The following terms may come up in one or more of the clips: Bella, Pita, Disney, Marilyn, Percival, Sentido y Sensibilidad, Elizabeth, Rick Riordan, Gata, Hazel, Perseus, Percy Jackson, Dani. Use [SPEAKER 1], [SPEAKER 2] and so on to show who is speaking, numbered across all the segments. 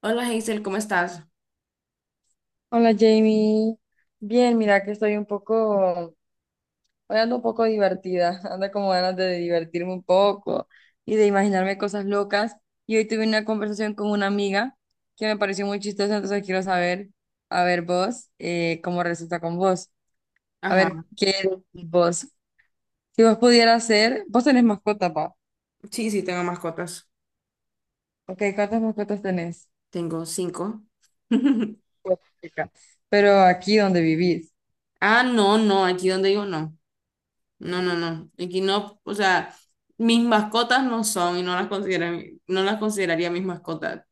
[SPEAKER 1] Hola Hazel, ¿cómo estás?
[SPEAKER 2] Hola Jamie, bien, mira que estoy un poco, hoy ando un poco divertida, ando como ganas de divertirme un poco y de imaginarme cosas locas. Y hoy tuve una conversación con una amiga que me pareció muy chistosa, entonces quiero saber, a ver vos, cómo resulta con vos. A
[SPEAKER 1] Ajá,
[SPEAKER 2] ver, ¿qué decís vos? Si vos pudieras ser, vos tenés mascota, pa.
[SPEAKER 1] sí, tengo mascotas.
[SPEAKER 2] Ok, ¿cuántas mascotas tenés?
[SPEAKER 1] Tengo cinco.
[SPEAKER 2] Cuatro, chica. Pero aquí donde vivís,
[SPEAKER 1] Ah, no, aquí donde digo no. No. Aquí no, o sea, mis mascotas no son y no las consideran, no las consideraría mis mascotas.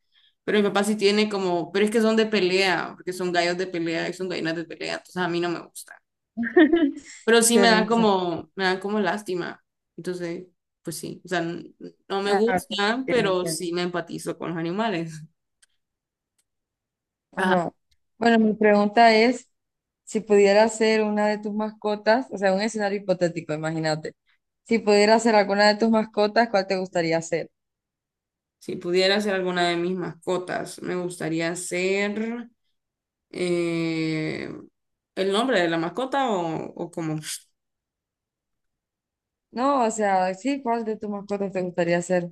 [SPEAKER 1] Pero mi papá sí tiene como, pero es que son de pelea, porque son gallos de pelea y son gallinas de pelea, entonces a mí no me gusta. Pero sí
[SPEAKER 2] qué risa.
[SPEAKER 1] me dan como lástima. Entonces, pues sí, o sea, no me
[SPEAKER 2] Ah, ok, ok,
[SPEAKER 1] gustan, pero
[SPEAKER 2] entiendo.
[SPEAKER 1] sí me empatizo con los animales.
[SPEAKER 2] Ajá. Bueno, mi pregunta es, si pudiera ser una de tus mascotas, o sea, un escenario hipotético, imagínate, si pudiera ser alguna de tus mascotas, ¿cuál te gustaría ser?
[SPEAKER 1] Si pudiera ser alguna de mis mascotas, me gustaría ser eh, el nombre de la mascota o cómo.
[SPEAKER 2] No, o sea, sí, ¿cuál de tus mascotas te gustaría ser?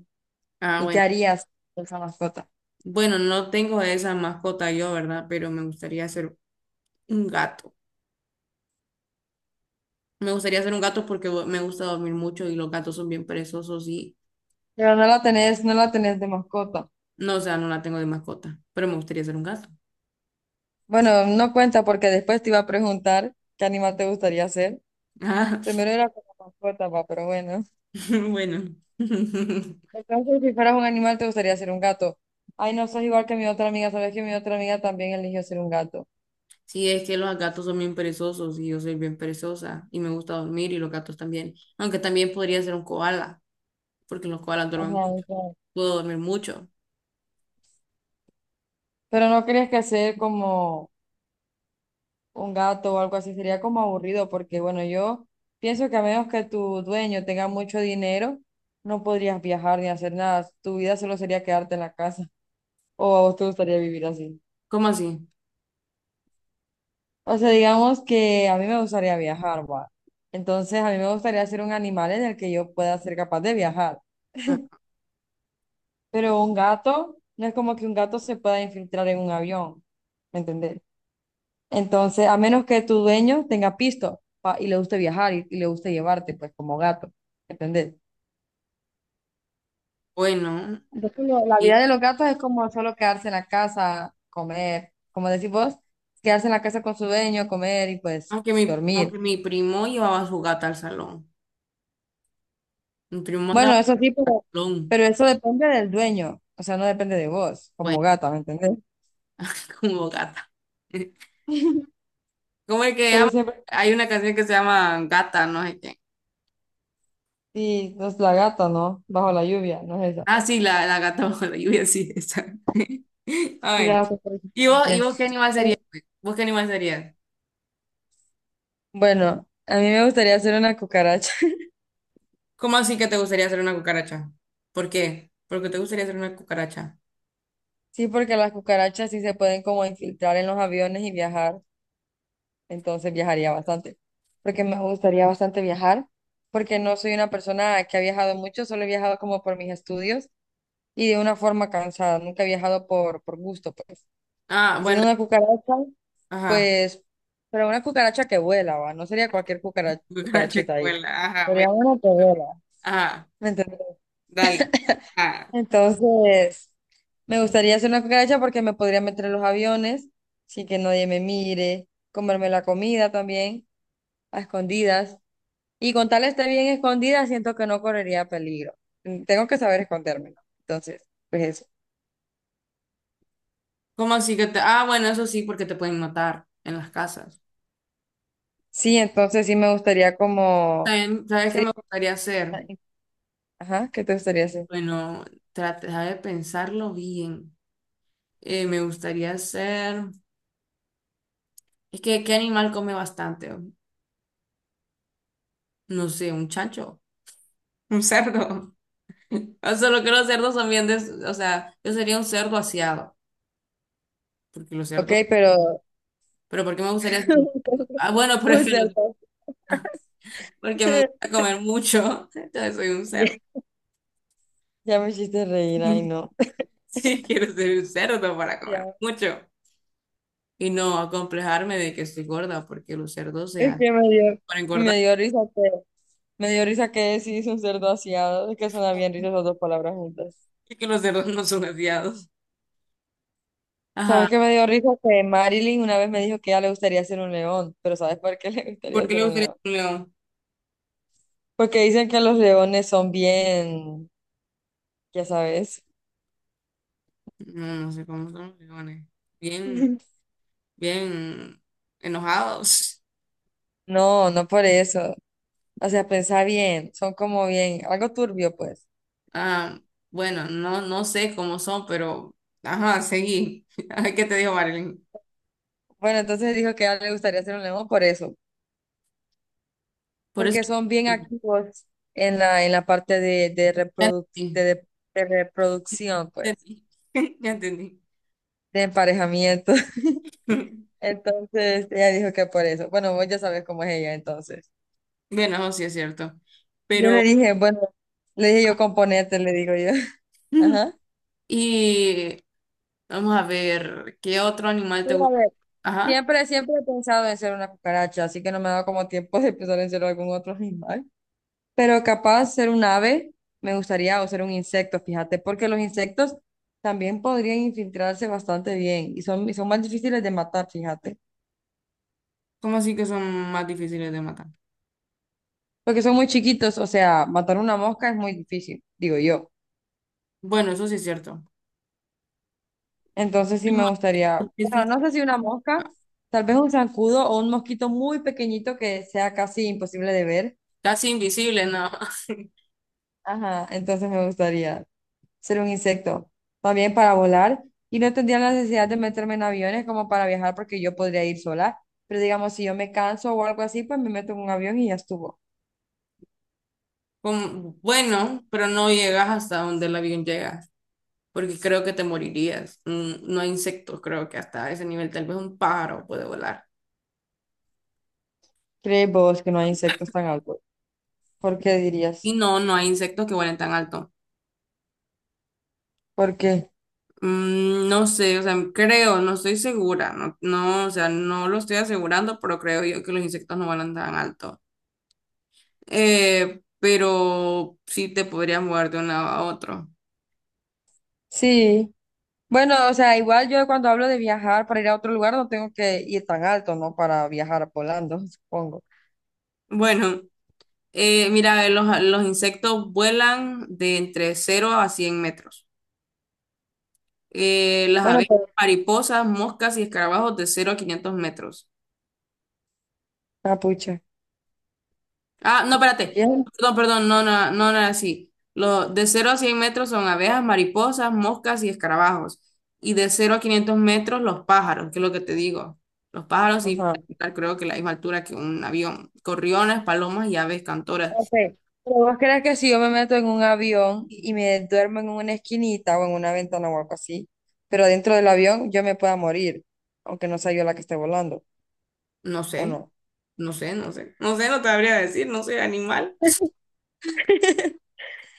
[SPEAKER 1] Ah,
[SPEAKER 2] ¿Y qué
[SPEAKER 1] bueno.
[SPEAKER 2] harías con esa mascota?
[SPEAKER 1] Bueno, no tengo esa mascota yo, ¿verdad? Pero me gustaría ser un gato. Me gustaría ser un gato porque me gusta dormir mucho y los gatos son bien perezosos y
[SPEAKER 2] Pero no la tenés, no la tenés de mascota.
[SPEAKER 1] no, o sea, no la tengo de mascota, pero me gustaría ser un gato.
[SPEAKER 2] Bueno, no cuenta porque después te iba a preguntar qué animal te gustaría ser.
[SPEAKER 1] Ah,
[SPEAKER 2] Primero era como mascota, va, pero bueno.
[SPEAKER 1] bueno.
[SPEAKER 2] En caso de que fueras un animal, te gustaría ser un gato. Ay, no, sos igual que mi otra amiga. Sabes que mi otra amiga también eligió ser un gato.
[SPEAKER 1] Sí, es que los gatos son bien perezosos y yo soy bien perezosa y me gusta dormir y los gatos también. Aunque también podría ser un koala, porque los koalas duermen
[SPEAKER 2] Ajá,
[SPEAKER 1] mucho.
[SPEAKER 2] o
[SPEAKER 1] Puedo dormir mucho.
[SPEAKER 2] pero no crees que ser como un gato o algo así sería como aburrido, porque bueno, yo pienso que a menos que tu dueño tenga mucho dinero, no podrías viajar ni hacer nada. Tu vida solo sería quedarte en la casa. ¿O a vos te gustaría vivir así?
[SPEAKER 1] ¿Cómo así?
[SPEAKER 2] O sea, digamos que a mí me gustaría viajar, va. Entonces, a mí me gustaría ser un animal en el que yo pueda ser capaz de viajar.
[SPEAKER 1] Ah,
[SPEAKER 2] Pero un gato, no es como que un gato se pueda infiltrar en un avión, ¿me entendés? Entonces, a menos que tu dueño tenga pisto pa- y le guste viajar y le guste llevarte, pues como gato, ¿me entendés?
[SPEAKER 1] bueno,
[SPEAKER 2] Entonces, lo- la vida de
[SPEAKER 1] y-
[SPEAKER 2] los gatos es como solo quedarse en la casa, comer, como decís vos, quedarse en la casa con su dueño, comer y pues
[SPEAKER 1] aunque
[SPEAKER 2] dormir.
[SPEAKER 1] aunque mi primo llevaba a su gata al salón. Mi primo andaba
[SPEAKER 2] Bueno, eso
[SPEAKER 1] al
[SPEAKER 2] sí,
[SPEAKER 1] salón,
[SPEAKER 2] pero eso depende del dueño, o sea, no depende de vos
[SPEAKER 1] bueno,
[SPEAKER 2] como gata, ¿me entendés?
[SPEAKER 1] como gata. ¿Cómo es que
[SPEAKER 2] Pero
[SPEAKER 1] llama?
[SPEAKER 2] siempre,
[SPEAKER 1] Hay una canción que se llama Gata, no sé qué.
[SPEAKER 2] y es la gata, ¿no? Bajo la lluvia, no es eso.
[SPEAKER 1] Ah, sí, la gata bajo la lluvia, sí, esa. Ay,
[SPEAKER 2] Gracias por sus
[SPEAKER 1] ¿y vos, qué animal
[SPEAKER 2] Eh,
[SPEAKER 1] serías pues? ¿Vos qué animal serías?
[SPEAKER 2] bueno, a mí me gustaría hacer una cucaracha.
[SPEAKER 1] ¿Cómo así que te gustaría hacer una cucaracha? ¿Por qué? ¿Por qué te gustaría hacer una cucaracha?
[SPEAKER 2] Sí, porque las cucarachas sí se pueden como infiltrar en los aviones y viajar, entonces viajaría bastante. Porque me gustaría bastante viajar, porque no soy una persona que ha viajado mucho, solo he viajado como por mis estudios y de una forma cansada, nunca he viajado por gusto, pues.
[SPEAKER 1] Ah,
[SPEAKER 2] Y
[SPEAKER 1] bueno,
[SPEAKER 2] siendo una cucaracha,
[SPEAKER 1] ajá,
[SPEAKER 2] pues, pero una cucaracha que vuela, va, no sería cualquier cucara-
[SPEAKER 1] cucaracha
[SPEAKER 2] cucarachita
[SPEAKER 1] que
[SPEAKER 2] ahí,
[SPEAKER 1] vuela, ajá,
[SPEAKER 2] sería
[SPEAKER 1] bueno,
[SPEAKER 2] una que vuela,
[SPEAKER 1] ajá,
[SPEAKER 2] ¿me entiendes?
[SPEAKER 1] dale. Ah,
[SPEAKER 2] Entonces... Me gustaría hacer una cucaracha porque me podría meter en los aviones sin que nadie me mire, comerme la comida también a escondidas. Y con tal esté bien escondida, siento que no correría peligro. Mm, tengo que saber esconderme, ¿no? Entonces, pues eso.
[SPEAKER 1] ¿cómo así que te...? Ah, bueno, eso sí, porque te pueden matar en las casas.
[SPEAKER 2] Sí, entonces sí me gustaría como...
[SPEAKER 1] También, ¿sabes qué me
[SPEAKER 2] sería-
[SPEAKER 1] gustaría hacer?
[SPEAKER 2] Ajá, ¿qué te gustaría hacer?
[SPEAKER 1] Bueno, trata de pensarlo bien. Me gustaría hacer... Es que, ¿qué animal come bastante? No sé, un chancho. Un cerdo. O sea, lo que los cerdos son bien, o sea, yo sería un cerdo aseado, porque los
[SPEAKER 2] Ok,
[SPEAKER 1] cerdos,
[SPEAKER 2] pero...
[SPEAKER 1] pero ¿por qué me gustaría ser un... Ah, bueno, pero es
[SPEAKER 2] Un
[SPEAKER 1] que los...
[SPEAKER 2] cerdo.
[SPEAKER 1] porque me gusta comer mucho, entonces soy un cerdo.
[SPEAKER 2] Ya, ya me hiciste reír, ay no.
[SPEAKER 1] Sí, quiero ser un cerdo para comer
[SPEAKER 2] Ya,
[SPEAKER 1] mucho y no acomplejarme de que estoy gorda, porque los cerdos se
[SPEAKER 2] es
[SPEAKER 1] hacen
[SPEAKER 2] que
[SPEAKER 1] para engordar,
[SPEAKER 2] me dio risa. Me dio risa que sí hizo un cerdo aseado, es que suena bien risa esas dos palabras juntas.
[SPEAKER 1] porque los cerdos no son aseados. Ajá,
[SPEAKER 2] ¿Sabes qué me dio risa? Que Marilyn una vez me dijo que a ella le gustaría ser un león, pero ¿sabes por qué le
[SPEAKER 1] ¿por
[SPEAKER 2] gustaría
[SPEAKER 1] qué
[SPEAKER 2] ser
[SPEAKER 1] le
[SPEAKER 2] un
[SPEAKER 1] gustaría
[SPEAKER 2] león?
[SPEAKER 1] ser un león?
[SPEAKER 2] Porque dicen que los leones son bien, ya sabes.
[SPEAKER 1] No, no sé cómo son los leones. Bien, bien enojados.
[SPEAKER 2] No, no por eso. O sea, pensá bien, son como bien, algo turbio, pues.
[SPEAKER 1] Ah, bueno, no, no sé cómo son, pero ajá, seguí. Ay, ¿qué te dijo Marilyn?
[SPEAKER 2] Bueno, entonces dijo que a ella le gustaría ser un león por eso,
[SPEAKER 1] Por eso.
[SPEAKER 2] porque son bien activos en la parte de
[SPEAKER 1] Ya
[SPEAKER 2] reproduc- de
[SPEAKER 1] entendí,
[SPEAKER 2] de- de reproducción, pues,
[SPEAKER 1] entendí, ya entendí.
[SPEAKER 2] de emparejamiento. Entonces ella dijo que por eso. Bueno, vos ya sabes cómo es ella, entonces.
[SPEAKER 1] Bueno, eso sí es cierto.
[SPEAKER 2] Y yo
[SPEAKER 1] Pero,
[SPEAKER 2] le dije, bueno, le dije yo componente, le digo yo. Ajá.
[SPEAKER 1] y vamos a ver, ¿qué otro animal te
[SPEAKER 2] Pero a
[SPEAKER 1] gusta?
[SPEAKER 2] ver,
[SPEAKER 1] Ajá,
[SPEAKER 2] siempre he pensado en ser una cucaracha, así que no me ha dado como tiempo de pensar en ser algún otro animal. Pero capaz ser un ave me gustaría o ser un insecto, fíjate, porque los insectos también podrían infiltrarse bastante bien y son más difíciles de matar, fíjate.
[SPEAKER 1] ¿cómo así que son más difíciles de matar?
[SPEAKER 2] Porque son muy chiquitos, o sea, matar una mosca es muy difícil, digo yo.
[SPEAKER 1] Bueno, eso sí es cierto.
[SPEAKER 2] Entonces sí
[SPEAKER 1] Es
[SPEAKER 2] me
[SPEAKER 1] más
[SPEAKER 2] gustaría, bueno,
[SPEAKER 1] difícil.
[SPEAKER 2] no sé si una mosca, tal vez un zancudo o un mosquito muy pequeñito que sea casi imposible de ver.
[SPEAKER 1] Casi invisible, ¿no?
[SPEAKER 2] Ajá, entonces me gustaría ser un insecto, también para volar y no tendría la necesidad de meterme en aviones como para viajar porque yo podría ir sola, pero digamos, si yo me canso o algo así, pues me meto en un avión y ya estuvo.
[SPEAKER 1] Bueno, pero no llegas hasta donde el avión llega, porque creo que te morirías. Mm, no hay insectos, creo que hasta ese nivel, tal vez un pájaro puede volar.
[SPEAKER 2] ¿Crees vos que no hay insectos tan altos? ¿Por qué
[SPEAKER 1] Y
[SPEAKER 2] dirías?
[SPEAKER 1] no, no hay insectos que vuelen tan alto.
[SPEAKER 2] Porque
[SPEAKER 1] Mm, no sé, o sea, creo, no estoy segura, no, o sea, no lo estoy asegurando, pero creo yo que los insectos no vuelan tan alto. Pero sí te podrías mover de un lado a otro.
[SPEAKER 2] sí. Bueno, o sea, igual yo cuando hablo de viajar para ir a otro lugar no tengo que ir tan alto, ¿no? Para viajar a Polando, supongo.
[SPEAKER 1] Bueno, mira, los insectos vuelan de entre 0 a 100 metros. Las
[SPEAKER 2] Bueno,
[SPEAKER 1] abejas,
[SPEAKER 2] pues,
[SPEAKER 1] mariposas, moscas y escarabajos de 0 a 500 metros.
[SPEAKER 2] capucha.
[SPEAKER 1] Ah, no, espérate.
[SPEAKER 2] Bien.
[SPEAKER 1] Perdón, perdón, no era así. Lo, de 0 a 100 metros son abejas, mariposas, moscas y escarabajos. Y de 0 a 500 metros los pájaros, que es lo que te digo. Los pájaros sí,
[SPEAKER 2] Ajá.
[SPEAKER 1] creo que la misma altura que un avión. Corriones, palomas y aves
[SPEAKER 2] Ok.
[SPEAKER 1] cantoras.
[SPEAKER 2] Pero vos crees que si yo me meto en un avión y me duermo en una esquinita o en una ventana o algo así, pero dentro del avión yo me pueda morir, aunque no sea yo la que esté volando,
[SPEAKER 1] No
[SPEAKER 2] ¿o
[SPEAKER 1] sé,
[SPEAKER 2] no?
[SPEAKER 1] no sé. No sé, no te habría decir, no sé, animal.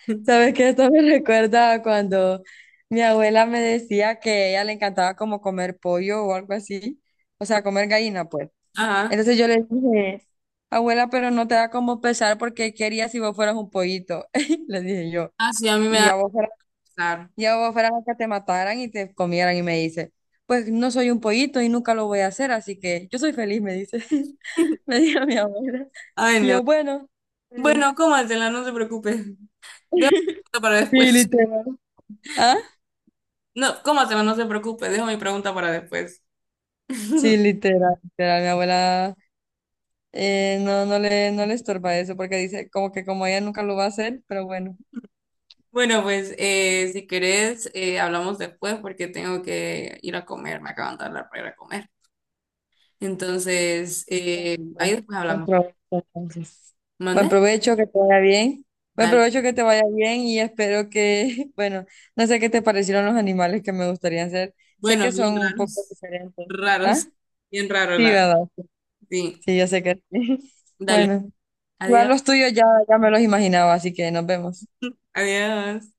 [SPEAKER 2] ¿Sabes qué? Esto me recuerda a cuando mi abuela me decía que a ella le encantaba como comer pollo o algo así, o sea, comer gallina, pues.
[SPEAKER 1] Ajá.
[SPEAKER 2] Entonces yo le dije, abuela, pero no te da como pesar porque querías si vos fueras un pollito? Le dije yo.
[SPEAKER 1] Ah, sí, a mí me
[SPEAKER 2] Y
[SPEAKER 1] da
[SPEAKER 2] a vos fueras,
[SPEAKER 1] pesar.
[SPEAKER 2] y a vos fueras a que te mataran y te comieran. Y me dice, pues no soy un pollito y nunca lo voy a hacer, así que yo soy feliz, me dice. Me dijo mi abuela.
[SPEAKER 1] Ay,
[SPEAKER 2] Y
[SPEAKER 1] no.
[SPEAKER 2] yo, bueno. Está bien".
[SPEAKER 1] Bueno, cómatela, no se preocupe. Dejo para
[SPEAKER 2] Sí,
[SPEAKER 1] después.
[SPEAKER 2] literal. ¿Ah?
[SPEAKER 1] No, ¿cómo se va? No se preocupe, dejo mi pregunta para después.
[SPEAKER 2] Sí, literal, literal. Mi abuela no, no le estorba eso porque dice como que como ella nunca lo va a hacer, pero bueno.
[SPEAKER 1] Bueno, pues si querés, hablamos después porque tengo que ir a comer, me acaban de hablar para ir a comer. Entonces, ahí
[SPEAKER 2] Bueno,
[SPEAKER 1] después
[SPEAKER 2] pues,
[SPEAKER 1] hablamos.
[SPEAKER 2] no hay entonces.
[SPEAKER 1] ¿Mande?
[SPEAKER 2] Buen provecho, que te vaya bien. Buen
[SPEAKER 1] Dale.
[SPEAKER 2] provecho, que te vaya bien y espero que, bueno, no sé qué te parecieron los animales que me gustaría hacer. Sé
[SPEAKER 1] Bueno,
[SPEAKER 2] que
[SPEAKER 1] bien
[SPEAKER 2] son un poco
[SPEAKER 1] raros,
[SPEAKER 2] diferentes. ¿Ah?
[SPEAKER 1] raros, bien raro
[SPEAKER 2] Sí,
[SPEAKER 1] la...
[SPEAKER 2] ¿verdad?
[SPEAKER 1] Sí,
[SPEAKER 2] Sí, yo sé que sí.
[SPEAKER 1] dale.
[SPEAKER 2] Bueno, igual
[SPEAKER 1] Adiós.
[SPEAKER 2] los tuyos ya me los imaginaba, así que nos vemos.
[SPEAKER 1] Adiós.